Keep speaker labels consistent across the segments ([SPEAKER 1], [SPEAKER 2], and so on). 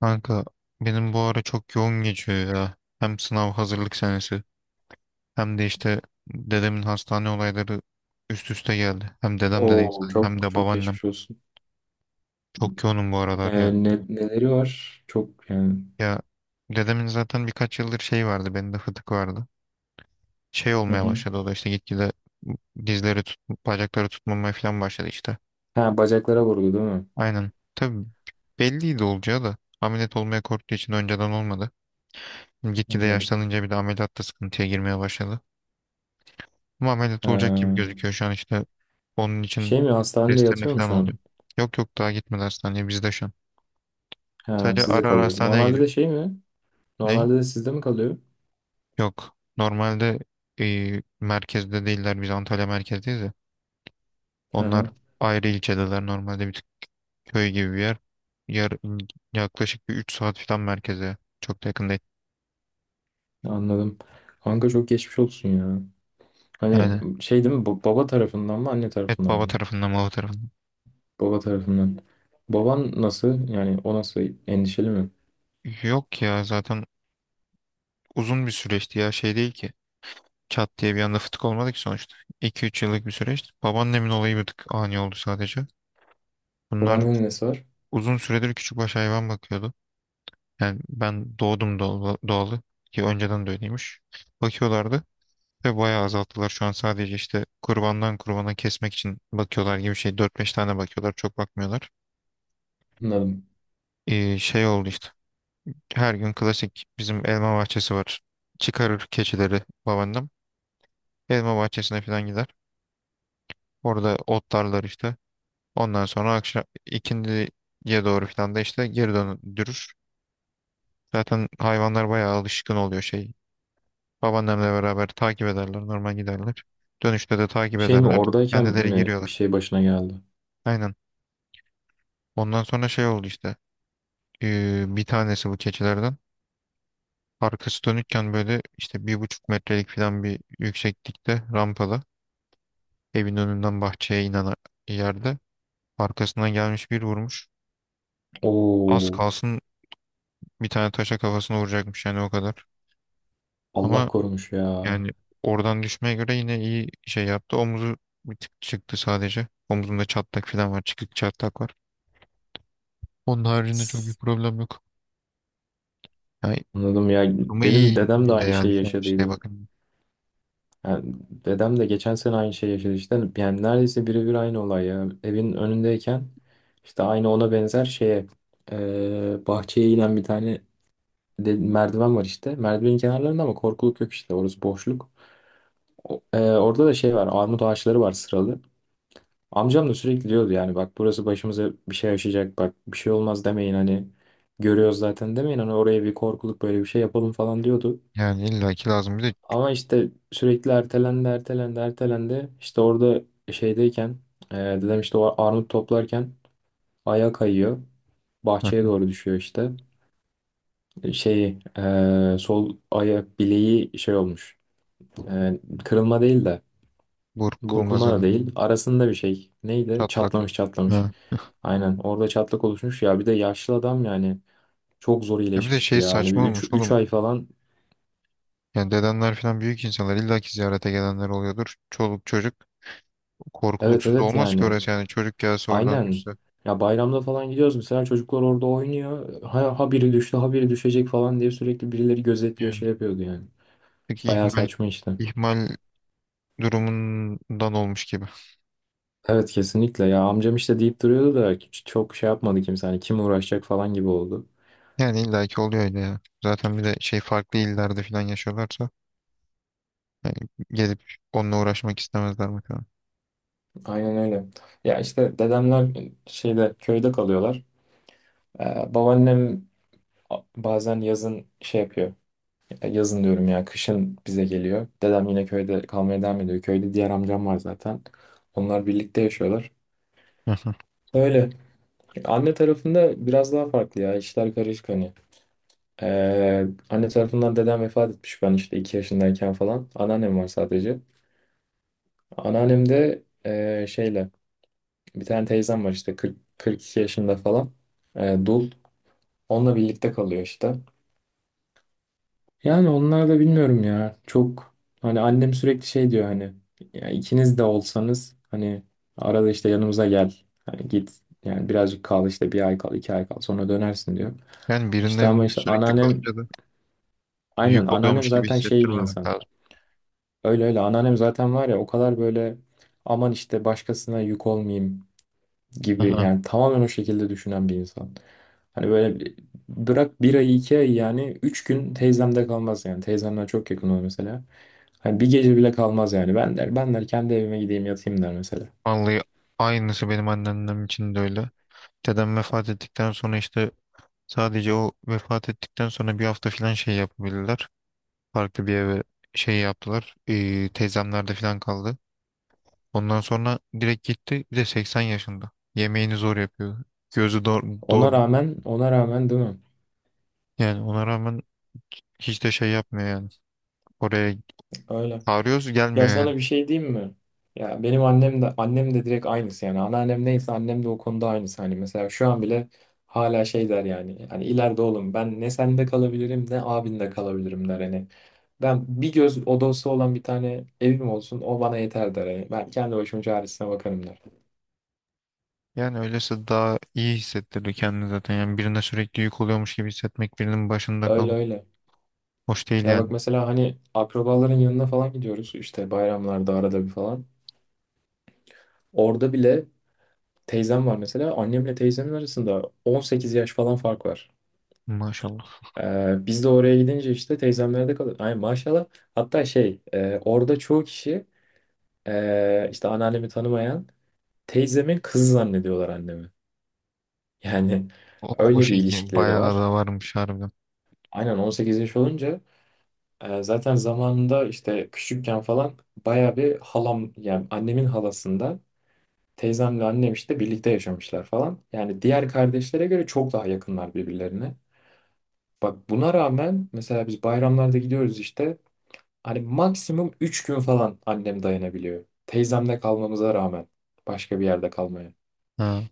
[SPEAKER 1] Kanka benim bu ara çok yoğun geçiyor ya. Hem sınav hazırlık senesi hem de işte dedemin hastane olayları üst üste geldi. Hem dedem de değil
[SPEAKER 2] Oo,
[SPEAKER 1] sadece, hem
[SPEAKER 2] çok
[SPEAKER 1] de
[SPEAKER 2] çok
[SPEAKER 1] babaannem.
[SPEAKER 2] geçmiş olsun.
[SPEAKER 1] Çok yoğunum bu aralar ya.
[SPEAKER 2] Neleri var? Çok yani.
[SPEAKER 1] Ya, dedemin zaten birkaç yıldır şey vardı, bende fıtık vardı. Şey
[SPEAKER 2] Hı
[SPEAKER 1] olmaya
[SPEAKER 2] hı.
[SPEAKER 1] başladı, o da işte gitgide dizleri tut, bacakları tutmamaya falan başladı işte.
[SPEAKER 2] Ha, bacaklara vurdu değil mi?
[SPEAKER 1] Aynen. Tabii belliydi olacağı da, ameliyat olmaya korktuğu için önceden olmadı. Gitgide
[SPEAKER 2] Anladım.
[SPEAKER 1] yaşlanınca bir de ameliyatta sıkıntıya girmeye başladı. Ama ameliyat
[SPEAKER 2] Ha,
[SPEAKER 1] olacak gibi gözüküyor şu an işte. Onun için
[SPEAKER 2] şey mi hastanede
[SPEAKER 1] testlerine
[SPEAKER 2] yatıyor mu
[SPEAKER 1] falan
[SPEAKER 2] şu an?
[SPEAKER 1] oluyor. Yok yok, daha gitmedi hastaneye, bizde şu an.
[SPEAKER 2] Ha,
[SPEAKER 1] Sadece
[SPEAKER 2] sizde
[SPEAKER 1] ara ara
[SPEAKER 2] kalıyor.
[SPEAKER 1] hastaneye
[SPEAKER 2] Normalde
[SPEAKER 1] gidiyor.
[SPEAKER 2] de şey mi?
[SPEAKER 1] Ne?
[SPEAKER 2] Normalde de sizde mi kalıyor?
[SPEAKER 1] Yok. Normalde merkezde değiller. Biz Antalya merkezdeyiz ya.
[SPEAKER 2] Hı
[SPEAKER 1] Onlar
[SPEAKER 2] hı.
[SPEAKER 1] ayrı ilçedeler. Normalde bir tık köy gibi bir yer. Yar, yaklaşık bir 3 saat falan merkeze. Çok da yakın değil.
[SPEAKER 2] Anladım. Kanka, çok geçmiş olsun ya. Hani
[SPEAKER 1] Yani
[SPEAKER 2] şey değil mi? Baba tarafından mı, anne tarafından
[SPEAKER 1] baba
[SPEAKER 2] mı?
[SPEAKER 1] tarafından, baba tarafından.
[SPEAKER 2] Baba tarafından. Baban nasıl? Yani o nasıl? Endişeli mi?
[SPEAKER 1] Yok ya, zaten uzun bir süreçti ya, şey değil ki. Çat diye bir anda fıtık olmadı ki sonuçta. 2 üç yıllık bir süreç. Babaannemin olayı bir tık ani oldu sadece. Bunlar
[SPEAKER 2] Babaannenin nesi var?
[SPEAKER 1] uzun süredir küçükbaş hayvan bakıyordu. Yani ben doğdum doğalı ki önceden de öyleymiş. Bakıyorlardı ve bayağı azalttılar. Şu an sadece işte kurbandan kurbana kesmek için bakıyorlar gibi şey. Dört beş tane bakıyorlar, çok bakmıyorlar.
[SPEAKER 2] Anladım.
[SPEAKER 1] Şey oldu işte. Her gün klasik, bizim elma bahçesi var. Çıkarır keçileri babaannem. Elma bahçesine falan gider. Orada otlarlar işte. Ondan sonra akşam ikindiye doğru falan da işte geri döndürür. Zaten hayvanlar bayağı alışkın oluyor şey. Babaannemle beraber takip ederler, normal giderler. Dönüşte de takip
[SPEAKER 2] Şey mi,
[SPEAKER 1] ederler.
[SPEAKER 2] oradayken
[SPEAKER 1] Kendileri
[SPEAKER 2] mi
[SPEAKER 1] giriyorlar.
[SPEAKER 2] bir şey başına geldi?
[SPEAKER 1] Aynen. Ondan sonra şey oldu işte. Bir tanesi bu keçilerden. Arkası dönükken böyle işte bir buçuk metrelik falan bir yükseklikte rampada, evin önünden bahçeye inen yerde, arkasından gelmiş bir vurmuş. Az
[SPEAKER 2] Oo,
[SPEAKER 1] kalsın bir tane taşa kafasına vuracakmış yani, o kadar.
[SPEAKER 2] Allah
[SPEAKER 1] Ama
[SPEAKER 2] korumuş ya.
[SPEAKER 1] yani oradan düşmeye göre yine iyi şey yaptı. Omuzu bir tık çıktı sadece. Omuzunda çatlak falan var. Çıkık çatlak var. Onun haricinde çok bir
[SPEAKER 2] S-
[SPEAKER 1] problem yok. Yani
[SPEAKER 2] Anladım ya.
[SPEAKER 1] ama
[SPEAKER 2] Benim
[SPEAKER 1] iyi
[SPEAKER 2] dedem de
[SPEAKER 1] bile
[SPEAKER 2] aynı
[SPEAKER 1] yani
[SPEAKER 2] şeyi
[SPEAKER 1] şu an, şeye
[SPEAKER 2] yaşadıydı.
[SPEAKER 1] bakın.
[SPEAKER 2] Yani dedem de geçen sene aynı şeyi yaşadı işte. Yani neredeyse birebir aynı olay ya. Evin önündeyken işte aynı ona benzer şeye, bahçeye inen bir tane merdiven var işte. Merdivenin kenarlarında ama korkuluk yok işte. Orası boşluk. Orada da şey var. Armut ağaçları var sıralı. Amcam da sürekli diyordu yani, bak burası başımıza bir şey yaşayacak, bak bir şey olmaz demeyin hani, görüyoruz zaten, demeyin hani, oraya bir korkuluk böyle bir şey yapalım falan diyordu.
[SPEAKER 1] Yani illaki lazım bir de.
[SPEAKER 2] Ama işte sürekli ertelendi, ertelendi, ertelendi. İşte orada şeydeyken, dedem işte o armut toplarken ayağı kayıyor,
[SPEAKER 1] Hı
[SPEAKER 2] bahçeye
[SPEAKER 1] hı.
[SPEAKER 2] doğru düşüyor işte. Sol ayak bileği şey olmuş. Kırılma değil de.
[SPEAKER 1] Burkulmaz
[SPEAKER 2] Burkulma da değil.
[SPEAKER 1] dedim.
[SPEAKER 2] Arasında bir şey. Neydi?
[SPEAKER 1] Çatlak.
[SPEAKER 2] Çatlamış.
[SPEAKER 1] Ha.
[SPEAKER 2] Aynen. Orada çatlak oluşmuş ya. Bir de yaşlı adam yani. Çok zor
[SPEAKER 1] Ya bir de
[SPEAKER 2] iyileşmişti
[SPEAKER 1] şey
[SPEAKER 2] ya. Hani bir
[SPEAKER 1] saçma
[SPEAKER 2] 3
[SPEAKER 1] olmuş
[SPEAKER 2] 3
[SPEAKER 1] oğlum.
[SPEAKER 2] ay falan.
[SPEAKER 1] Yani dedenler falan büyük insanlar, illaki ziyarete gelenler oluyordur. Çoluk çocuk,
[SPEAKER 2] Evet,
[SPEAKER 1] korkuluksuz
[SPEAKER 2] evet
[SPEAKER 1] olmaz ki
[SPEAKER 2] yani.
[SPEAKER 1] orası yani, çocuk gelse oradan
[SPEAKER 2] Aynen.
[SPEAKER 1] düşse.
[SPEAKER 2] Ya bayramda falan gidiyoruz. Mesela çocuklar orada oynuyor. Ha, ha biri düştü, ha biri düşecek falan diye sürekli birileri gözetliyor,
[SPEAKER 1] Yani
[SPEAKER 2] şey yapıyordu yani.
[SPEAKER 1] peki,
[SPEAKER 2] Bayağı
[SPEAKER 1] ihmal
[SPEAKER 2] saçma işte.
[SPEAKER 1] ihmal durumundan olmuş gibi.
[SPEAKER 2] Evet, kesinlikle ya. Amcam işte deyip duruyordu da hiç çok şey yapmadı kimse. Hani kim uğraşacak falan gibi oldu.
[SPEAKER 1] Yani illaki oluyor öyle ya. Zaten bir de şey, farklı illerde falan yaşıyorlarsa yani, gelip onunla uğraşmak istemezler bakalım.
[SPEAKER 2] Aynen öyle. Ya işte dedemler şeyde, köyde kalıyorlar. Babaannem bazen yazın şey yapıyor. Yazın diyorum ya, kışın bize geliyor. Dedem yine köyde kalmaya devam ediyor. Köyde diğer amcam var zaten. Onlar birlikte yaşıyorlar.
[SPEAKER 1] Hı hı.
[SPEAKER 2] Öyle. Anne tarafında biraz daha farklı ya. İşler karışık hani. Anne tarafından dedem vefat etmiş ben işte 2 yaşındayken falan. Anneannem var sadece. Anneannem de şeyle bir tane teyzem var işte, 40, 42 yaşında falan. E, dul. Onunla birlikte kalıyor işte. Yani onlar da bilmiyorum ya. Çok, hani annem sürekli şey diyor hani, ya ikiniz de olsanız hani arada işte yanımıza gel. Hani git yani, birazcık kal işte, bir ay kal, iki ay kal, sonra dönersin diyor.
[SPEAKER 1] Yani birinin
[SPEAKER 2] İşte ama
[SPEAKER 1] evinde
[SPEAKER 2] işte
[SPEAKER 1] sürekli
[SPEAKER 2] anneannem,
[SPEAKER 1] kalınca da
[SPEAKER 2] aynen
[SPEAKER 1] yük oluyormuş
[SPEAKER 2] anneannem
[SPEAKER 1] gibi
[SPEAKER 2] zaten şey bir
[SPEAKER 1] hissettirmemek
[SPEAKER 2] insan.
[SPEAKER 1] lazım.
[SPEAKER 2] Öyle öyle, anneannem zaten var ya o kadar böyle, aman işte başkasına yük olmayayım gibi
[SPEAKER 1] Aha.
[SPEAKER 2] yani, tamamen o şekilde düşünen bir insan. Hani böyle bırak bir ay iki ay, yani üç gün teyzemde kalmaz yani. Teyzemden çok yakın olur mesela. Hani bir gece bile kalmaz yani. Ben der, ben der kendi evime gideyim yatayım der mesela.
[SPEAKER 1] Vallahi aynısı benim anneannem için de öyle. Dedem vefat ettikten sonra işte, sadece o vefat ettikten sonra bir hafta falan şey yapabildiler. Farklı bir eve şey yaptılar. Teyzemlerde falan kaldı. Ondan sonra direkt gitti. Bir de 80 yaşında. Yemeğini zor yapıyor. Gözü doğru,
[SPEAKER 2] Ona rağmen, ona rağmen değil mi?
[SPEAKER 1] yani ona rağmen hiç de şey yapmıyor yani. Oraya
[SPEAKER 2] Öyle.
[SPEAKER 1] çağırıyoruz,
[SPEAKER 2] Ya
[SPEAKER 1] gelmiyor yani.
[SPEAKER 2] sana bir şey diyeyim mi? Ya benim annem de, annem de direkt aynısı yani. Anneannem neyse, annem de o konuda aynısı. Hani mesela şu an bile hala şey der yani. Hani ileride oğlum ben ne sende kalabilirim, ne abinde kalabilirim der. Hani ben bir göz odası olan bir tane evim olsun, o bana yeter der. Yani ben kendi başımın çaresine bakarım der.
[SPEAKER 1] Yani öylesi daha iyi hissettirir kendini zaten. Yani birine sürekli yük oluyormuş gibi hissetmek, birinin başında
[SPEAKER 2] Öyle
[SPEAKER 1] kalmak
[SPEAKER 2] öyle.
[SPEAKER 1] hoş değil
[SPEAKER 2] Ya
[SPEAKER 1] yani.
[SPEAKER 2] bak mesela, hani akrabaların yanına falan gidiyoruz işte, bayramlarda arada bir falan. Orada bile teyzem var mesela, annemle teyzemin arasında 18 yaş falan fark var.
[SPEAKER 1] Maşallah.
[SPEAKER 2] Biz de oraya gidince işte teyzemlerde kalıyoruz. Ay maşallah, hatta şey, orada çoğu kişi, işte anneannemi tanımayan teyzemin kızı zannediyorlar annemi. Yani
[SPEAKER 1] O
[SPEAKER 2] öyle bir
[SPEAKER 1] şey ki
[SPEAKER 2] ilişkileri
[SPEAKER 1] bayağı
[SPEAKER 2] var.
[SPEAKER 1] da varmış harbiden.
[SPEAKER 2] Aynen, 18 yaş olunca, zaten zamanında işte küçükken falan, baya bir halam, yani annemin halasında teyzemle annem işte birlikte yaşamışlar falan. Yani diğer kardeşlere göre çok daha yakınlar birbirlerine. Bak buna rağmen mesela biz bayramlarda gidiyoruz işte, hani maksimum 3 gün falan annem dayanabiliyor. Teyzemle kalmamıza rağmen, başka bir yerde kalmaya.
[SPEAKER 1] Ha.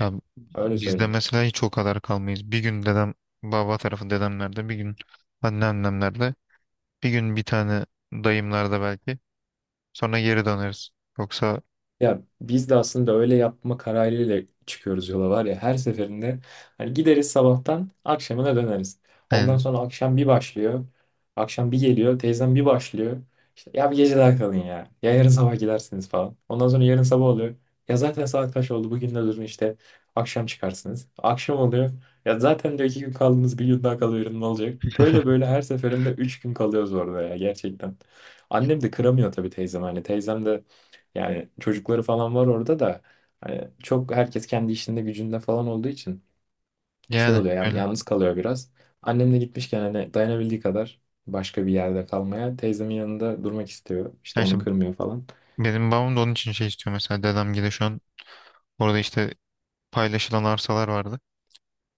[SPEAKER 1] Ya
[SPEAKER 2] Öyle
[SPEAKER 1] bizde
[SPEAKER 2] söyleyeyim.
[SPEAKER 1] mesela hiç o kadar kalmayız. Bir gün dedem, baba tarafı dedemlerde bir gün, anneannemlerde bir gün, bir tane dayımlarda belki, sonra geri döneriz. Yoksa
[SPEAKER 2] Ya biz de aslında öyle yapma kararıyla çıkıyoruz yola var ya, her seferinde hani gideriz sabahtan akşamına döneriz. Ondan
[SPEAKER 1] yani,
[SPEAKER 2] sonra akşam bir başlıyor. Akşam bir geliyor. Teyzem bir başlıyor. İşte, ya bir gece daha kalın ya. Ya yarın sabah gidersiniz falan. Ondan sonra yarın sabah oluyor. Ya zaten saat kaç oldu bugün, de durun işte akşam çıkarsınız. Akşam oluyor. Ya zaten diyor iki gün kaldınız, bir gün daha kalıverin ne olacak. Böyle böyle her seferinde üç gün kalıyoruz orada ya, gerçekten. Annem de kıramıyor tabii teyzem, hani teyzem de yani çocukları falan var orada da, hani çok herkes kendi işinde gücünde falan olduğu için şey
[SPEAKER 1] yani
[SPEAKER 2] oluyor yani,
[SPEAKER 1] öyle.
[SPEAKER 2] yalnız kalıyor biraz. Annem de gitmişken hani dayanabildiği kadar başka bir yerde kalmaya, teyzemin yanında durmak istiyor. İşte
[SPEAKER 1] Ya işte
[SPEAKER 2] onu kırmıyor falan.
[SPEAKER 1] benim babam da onun için şey istiyor mesela, dedem gibi şu an orada işte paylaşılan arsalar vardı.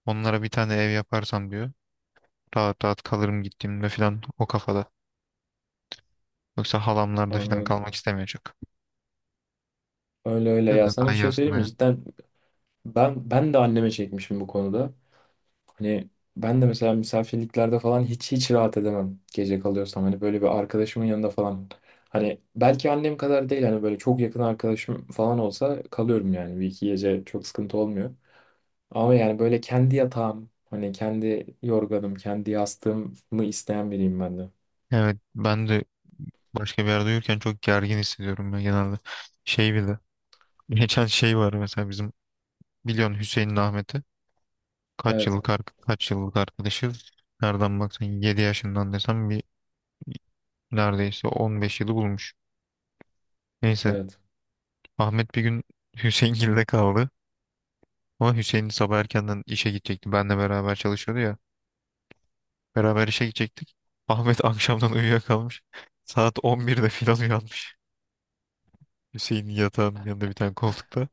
[SPEAKER 1] Onlara bir tane ev yaparsam diyor. Rahat rahat kalırım gittiğimde falan, o kafada. Yoksa halamlarda falan
[SPEAKER 2] Anladım.
[SPEAKER 1] kalmak istemiyor çok.
[SPEAKER 2] Öyle öyle
[SPEAKER 1] Ya da
[SPEAKER 2] ya. Sana
[SPEAKER 1] daha
[SPEAKER 2] bir
[SPEAKER 1] iyi
[SPEAKER 2] şey
[SPEAKER 1] aslında
[SPEAKER 2] söyleyeyim mi?
[SPEAKER 1] ya.
[SPEAKER 2] Cidden ben de anneme çekmişim bu konuda. Hani ben de mesela misafirliklerde falan hiç hiç rahat edemem gece kalıyorsam. Hani böyle bir arkadaşımın yanında falan. Hani belki annem kadar değil, hani böyle çok yakın arkadaşım falan olsa kalıyorum yani. Bir iki gece çok sıkıntı olmuyor. Ama yani böyle kendi yatağım, hani kendi yorganım, kendi yastığımı isteyen biriyim ben de.
[SPEAKER 1] Evet, ben de başka bir yerde uyurken çok gergin hissediyorum ben genelde. Şey bile. Geçen şey var mesela, bizim biliyorsun Hüseyin'le Ahmet'i. Kaç
[SPEAKER 2] Evet,
[SPEAKER 1] yıllık, kaç yıllık arkadaşız. Nereden baksan 7 yaşından desem bir, neredeyse 15 yılı bulmuş. Neyse,
[SPEAKER 2] evet.
[SPEAKER 1] Ahmet bir gün Hüseyingil'de kaldı. Ama Hüseyin sabah erkenden işe gidecekti. Benle beraber çalışıyordu ya. Beraber işe gidecektik. Ahmet akşamdan uyuyakalmış. Saat 11'de filan uyanmış. Hüseyin'in yatağının yanında bir tane koltukta.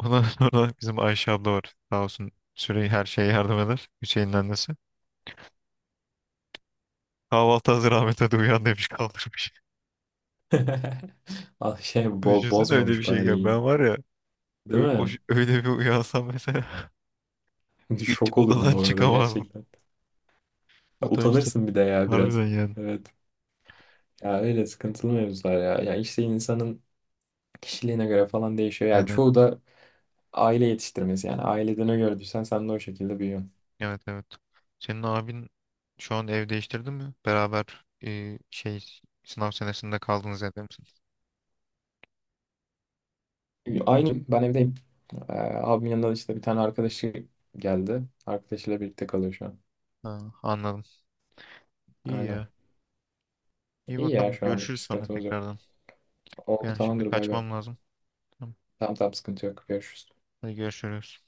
[SPEAKER 1] Ondan sonra bizim Ayşe abla var. Sağ olsun süreyi her şeye yardım eder. Hüseyin'in annesi. Kahvaltı hazır, Ahmet hadi uyan, demiş, kaldırmış.
[SPEAKER 2] Al şey,
[SPEAKER 1] Düşünsene öyle bir
[SPEAKER 2] bozmamış
[SPEAKER 1] şey.
[SPEAKER 2] bari,
[SPEAKER 1] Gel.
[SPEAKER 2] iyi.
[SPEAKER 1] Ben var ya,
[SPEAKER 2] Değil mi?
[SPEAKER 1] öyle bir uyansam mesela hiç
[SPEAKER 2] Şok olurum
[SPEAKER 1] odadan
[SPEAKER 2] bu arada,
[SPEAKER 1] çıkamazdım.
[SPEAKER 2] gerçekten.
[SPEAKER 1] Utançtan.
[SPEAKER 2] Utanırsın bir de ya biraz.
[SPEAKER 1] Harbiden yani.
[SPEAKER 2] Evet. Ya öyle sıkıntılı mevzular ya. Ya işte insanın kişiliğine göre falan değişiyor. Ya
[SPEAKER 1] Yani
[SPEAKER 2] çoğu da aile yetiştirmesi, yani ailede ne gördüysen sen de o şekilde büyüyorsun.
[SPEAKER 1] evet, evet. Senin abin şu an ev değiştirdi mi? Beraber şey, sınav senesinde kaldınız, evde misin?
[SPEAKER 2] Aynı, ben evdeyim. Abimin yanında işte bir tane arkadaşı geldi. Arkadaşıyla birlikte kalıyor şu an.
[SPEAKER 1] Ha, anladım. İyi
[SPEAKER 2] Öyle.
[SPEAKER 1] ya. İyi
[SPEAKER 2] İyi ya,
[SPEAKER 1] bakalım,
[SPEAKER 2] şu anlık bir
[SPEAKER 1] görüşürüz sonra
[SPEAKER 2] sıkıntımız yok.
[SPEAKER 1] tekrardan.
[SPEAKER 2] Oldu,
[SPEAKER 1] Ben şimdi
[SPEAKER 2] tamamdır, bay bay.
[SPEAKER 1] kaçmam lazım. Tamam.
[SPEAKER 2] Tamam tamam, sıkıntı yok. Görüşürüz.
[SPEAKER 1] Hadi görüşürüz.